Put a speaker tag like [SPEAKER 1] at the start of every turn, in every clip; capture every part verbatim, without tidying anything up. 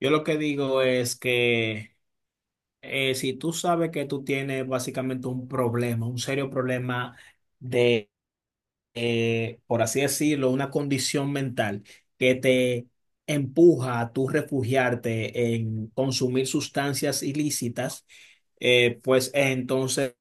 [SPEAKER 1] Yo lo que digo es que eh, si tú sabes que tú tienes básicamente un problema, un serio problema de, eh, por así decirlo, una condición mental que te empuja a tú refugiarte en consumir sustancias ilícitas. Eh, pues entonces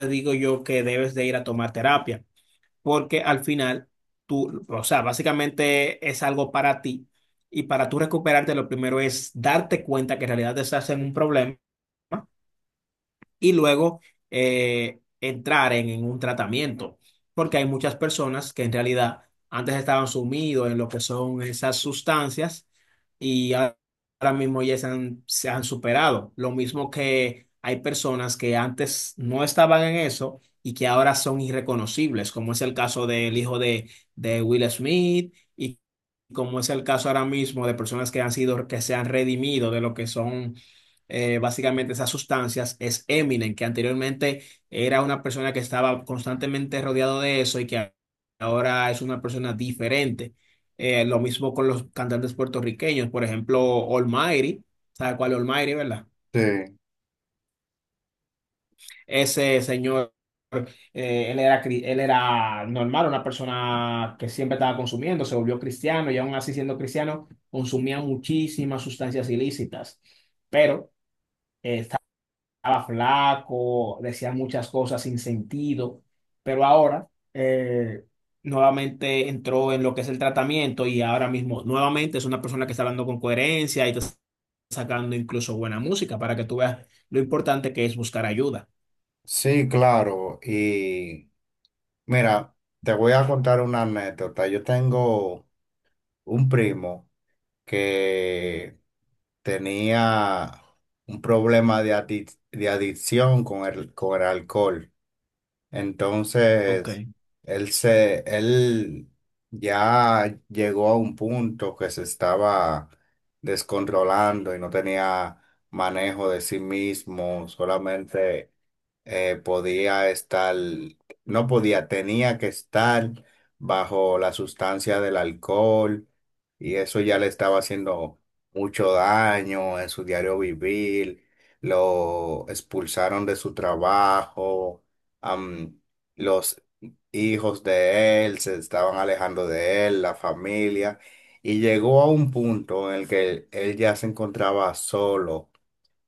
[SPEAKER 1] digo yo que debes de ir a tomar terapia, porque al final tú, o sea, básicamente es algo para ti, y para tú recuperarte lo primero es darte cuenta que en realidad estás en un problema, y luego eh, entrar en, en un tratamiento, porque hay muchas personas que en realidad antes estaban sumidos en lo que son esas sustancias y a- ahora mismo ya se han, se han superado. Lo mismo que hay personas que antes no estaban en eso y que ahora son irreconocibles, como es el caso del hijo de, de Will Smith, y como es el caso ahora mismo de personas que han sido, que se han redimido de lo que son eh, básicamente esas sustancias, es Eminem, que anteriormente era una persona que estaba constantemente rodeado de eso y que a- ahora es una persona diferente. Eh, lo mismo con los cantantes puertorriqueños, por ejemplo, Almighty. ¿Sabe cuál es Almighty, verdad?
[SPEAKER 2] Sí,
[SPEAKER 1] Ese señor, eh, él era, cri- él era normal, una persona que siempre estaba consumiendo, se volvió cristiano y aún así siendo cristiano consumía muchísimas sustancias ilícitas, pero... eh, estaba flaco, decía muchas cosas sin sentido, pero ahora eh, nuevamente entró en lo que es el tratamiento, y ahora mismo nuevamente es una persona que está hablando con coherencia y está sacando incluso buena música, para que tú veas lo importante que es buscar ayuda.
[SPEAKER 2] sí, claro. Y mira, te voy a contar una anécdota. Yo tengo un primo que tenía un problema de, adic- de adicción con el, con el alcohol.
[SPEAKER 1] Ok.
[SPEAKER 2] Entonces, él se, él ya llegó a un punto que se estaba descontrolando y no tenía manejo de sí mismo, solamente eh, podía estar, no podía, tenía que estar bajo la sustancia del alcohol y eso ya le estaba haciendo mucho daño en su diario vivir, lo expulsaron de su trabajo, am, los hijos de él se estaban alejando de él, la familia, y llegó a un punto en el que él ya se encontraba solo,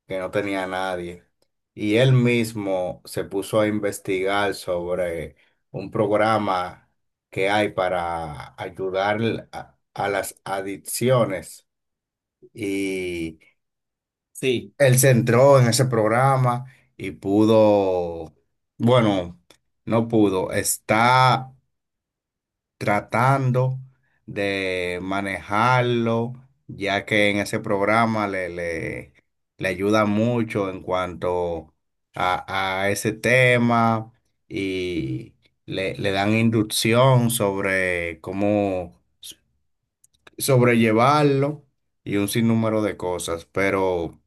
[SPEAKER 2] que no tenía a nadie, y él mismo se puso a investigar sobre un programa que hay para ayudar a, a las adicciones y
[SPEAKER 1] Sí.
[SPEAKER 2] él se entró en ese programa y pudo, bueno, no pudo, está tratando de manejarlo, ya que en ese programa le, le, le ayuda mucho en cuanto a, a ese tema y le, le dan inducción sobre cómo sobrellevarlo y un sinnúmero de cosas, pero...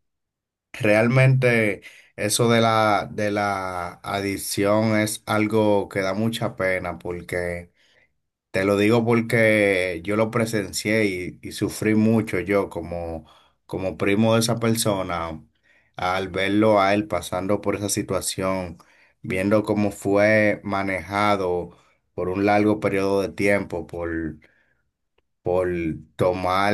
[SPEAKER 2] Realmente eso de la, de la adicción es algo que da mucha pena porque, te lo digo porque yo lo presencié y, y sufrí mucho yo como, como primo de esa persona al verlo a él pasando por esa situación, viendo cómo fue manejado por un largo periodo de tiempo por por tomar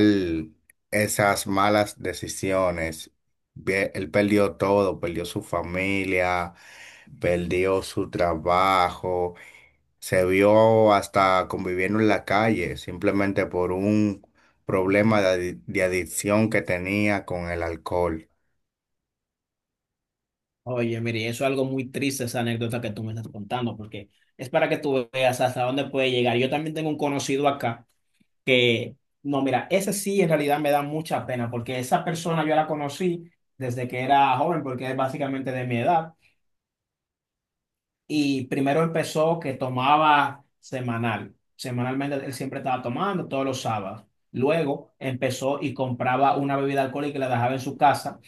[SPEAKER 2] esas malas decisiones. Ve- Él perdió todo, perdió su familia, perdió su trabajo, se vio hasta conviviendo en la calle, simplemente por un problema de, adi- de adicción que tenía con el alcohol.
[SPEAKER 1] Oye, mire, eso es algo muy triste, esa anécdota que tú me estás contando, porque es para que tú veas hasta dónde puede llegar. Yo también tengo un conocido acá que, no, mira, ese sí en realidad me da mucha pena, porque esa persona yo la conocí desde que era joven, porque es básicamente de mi edad, y primero empezó que tomaba semanal, semanalmente él siempre estaba tomando todos los sábados. Luego empezó y compraba una bebida alcohólica y la dejaba en su casa,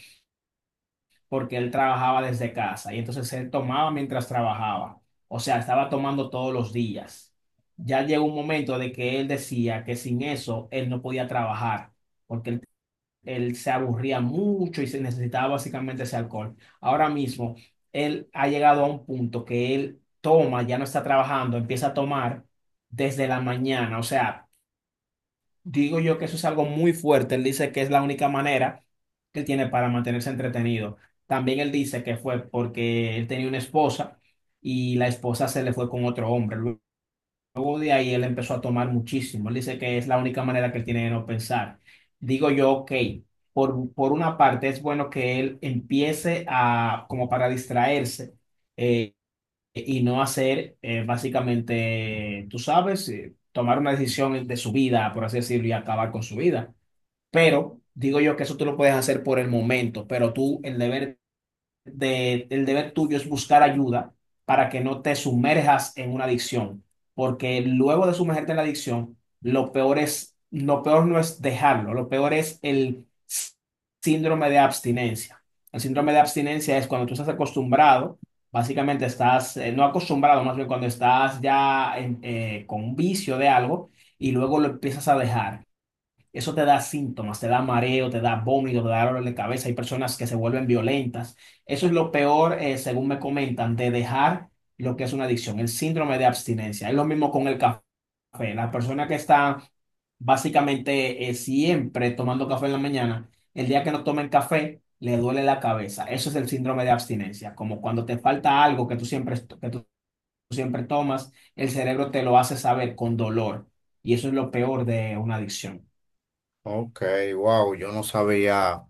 [SPEAKER 1] porque él trabajaba desde casa y entonces él tomaba mientras trabajaba. O sea, estaba tomando todos los días. Ya llegó un momento de que él decía que sin eso él no podía trabajar, porque él, él se aburría mucho y se necesitaba básicamente ese alcohol. Ahora mismo, él ha llegado a un punto que él toma, ya no está trabajando, empieza a tomar desde la mañana. O sea, digo yo que eso es algo muy fuerte. Él dice que es la única manera que él tiene para mantenerse entretenido. También él dice que fue porque él tenía una esposa y la esposa se le fue con otro hombre. Luego de ahí él empezó a tomar muchísimo. Él dice que es la única manera que él tiene de no pensar. Digo yo, ok, por, por una parte es bueno que él empiece a, como para distraerse. eh, eh, y no hacer, eh, básicamente, tú sabes, eh, tomar una decisión de su vida, por así decirlo, y acabar con su vida. Pero digo yo que eso tú lo puedes hacer por el momento, pero tú el deber de, el deber tuyo es buscar ayuda para que no te sumerjas en una adicción, porque luego de sumergirte en la adicción, lo peor es, lo peor no es dejarlo, lo peor es el síndrome de abstinencia. El síndrome de abstinencia es cuando tú estás acostumbrado, básicamente estás, eh, no acostumbrado, más bien cuando estás ya en- eh, con un vicio de algo y luego lo empiezas a dejar. Eso te da síntomas, te da mareo, te da vómito, te da dolor de cabeza. Hay personas que se vuelven violentas. Eso es lo peor, eh, según me comentan, de dejar lo que es una adicción, el síndrome de abstinencia. Es lo mismo con el café. La persona que está básicamente eh, siempre tomando café en la mañana, el día que no tomen café, le duele la cabeza. Eso es el síndrome de abstinencia, como cuando te falta algo que tú siempre, que tú siempre tomas, el cerebro te lo hace saber con dolor. Y eso es lo peor de una adicción.
[SPEAKER 2] Ok, wow, yo no sabía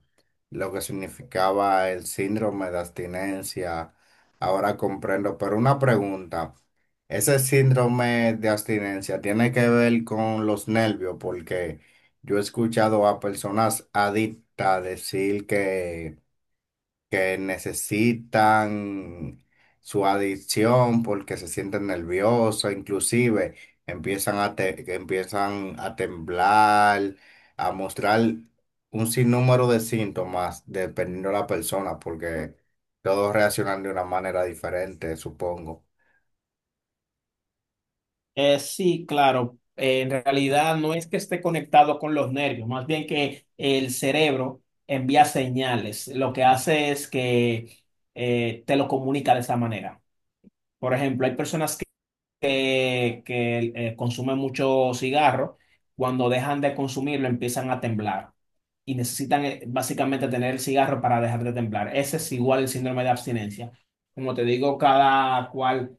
[SPEAKER 2] lo que significaba el síndrome de abstinencia. Ahora comprendo, pero una pregunta, ¿ese síndrome de abstinencia tiene que ver con los nervios? Porque yo he escuchado a personas adictas decir que que necesitan su adicción porque se sienten nerviosos, inclusive empiezan a, te- que empiezan a temblar, a mostrar un sinnúmero de síntomas dependiendo de la persona, porque todos reaccionan de una manera diferente, supongo.
[SPEAKER 1] Eh, sí, claro. Eh, en realidad no es que esté conectado con los nervios, más bien que el cerebro envía señales. Lo que hace es que eh, te lo comunica de esa manera. Por ejemplo, hay personas que, que eh, consumen mucho cigarro, cuando dejan de consumirlo empiezan a temblar y necesitan eh, básicamente tener el cigarro para dejar de temblar. Ese es igual el síndrome de abstinencia. Como te digo, cada cual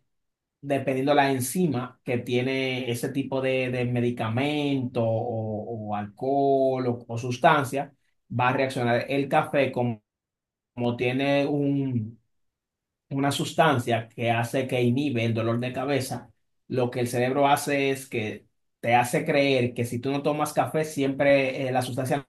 [SPEAKER 1] dependiendo la enzima que tiene ese tipo de, de medicamento o, o alcohol o, o sustancia, va a reaccionar. El café, como, como tiene un- una sustancia que hace que inhibe el dolor de cabeza, lo que el cerebro hace es que te hace creer que si tú no tomas café, siempre eh, la sustancia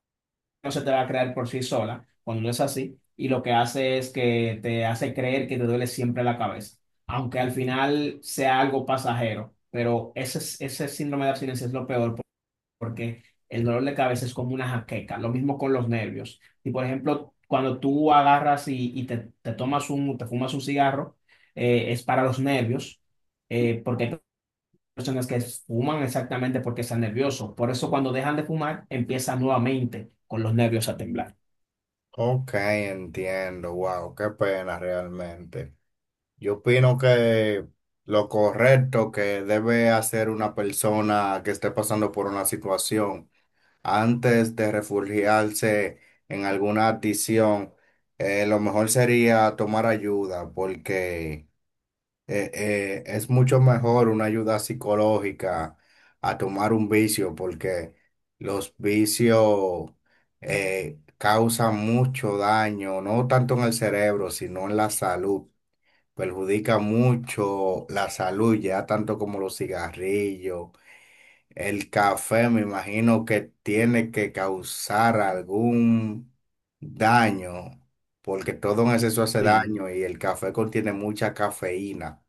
[SPEAKER 1] no se te va a crear por sí sola, cuando no es así, y lo que hace es que te hace creer que te duele siempre la cabeza, aunque al final sea algo pasajero, pero ese, es- ese síndrome de abstinencia es lo peor, porque el dolor de cabeza es como una jaqueca, lo mismo con los nervios. Y por ejemplo, cuando tú agarras y, y te, te tomas un, te fumas un cigarro, eh, es para los nervios, eh, porque hay personas que fuman exactamente porque están nerviosos. Por eso cuando dejan de fumar, empiezan nuevamente con los nervios a temblar.
[SPEAKER 2] Ok, entiendo, wow, qué pena realmente. Yo opino que lo correcto que debe hacer una persona que esté pasando por una situación antes de refugiarse en alguna adicción, eh, lo mejor sería tomar ayuda porque eh, eh, es mucho mejor una ayuda psicológica a tomar un vicio porque los vicios eh, causan mucho daño, no tanto en el cerebro, sino en la salud. Perjudica mucho la salud, ya tanto como los cigarrillos, el café me imagino que tiene que causar algún daño, porque todo en exceso hace
[SPEAKER 1] Sí,
[SPEAKER 2] daño y el café contiene mucha cafeína.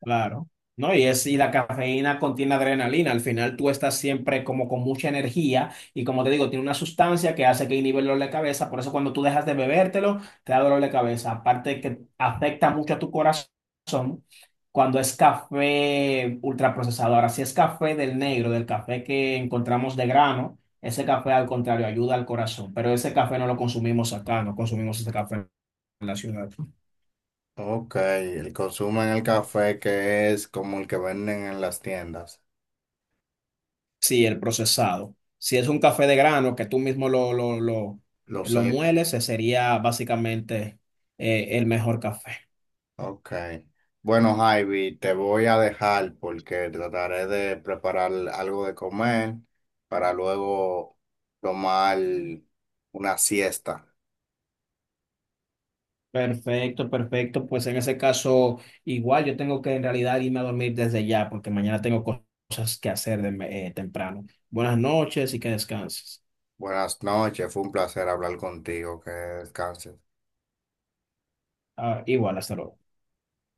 [SPEAKER 1] claro. No, y es, y la cafeína contiene adrenalina. Al final tú estás siempre como con mucha energía y como te digo, tiene una sustancia que hace que inhibe el dolor de cabeza. Por eso cuando tú dejas de bebértelo, te da dolor de cabeza. Aparte que afecta mucho a tu corazón cuando es café ultraprocesado. Ahora, si es café del negro, del café que encontramos de grano, ese café al contrario ayuda al corazón. Pero ese café no lo consumimos acá, no consumimos ese café en la ciudad.
[SPEAKER 2] Ok, el consumo en el café que es como el que venden en las tiendas,
[SPEAKER 1] Sí, el procesado. Si es un café de grano que tú mismo lo, lo, lo,
[SPEAKER 2] lo
[SPEAKER 1] lo
[SPEAKER 2] sé.
[SPEAKER 1] mueles, ese sería básicamente eh, el mejor café.
[SPEAKER 2] Ok. Bueno, Javi, te voy a dejar porque trataré de preparar algo de comer para luego tomar una siesta.
[SPEAKER 1] Perfecto, perfecto. Pues en ese caso, igual yo tengo que en realidad irme a dormir desde ya, porque mañana tengo cosas que hacer de- eh, temprano. Buenas noches y que descanses.
[SPEAKER 2] Buenas noches, fue un placer hablar contigo, que descanses.
[SPEAKER 1] Ah, igual, hasta luego.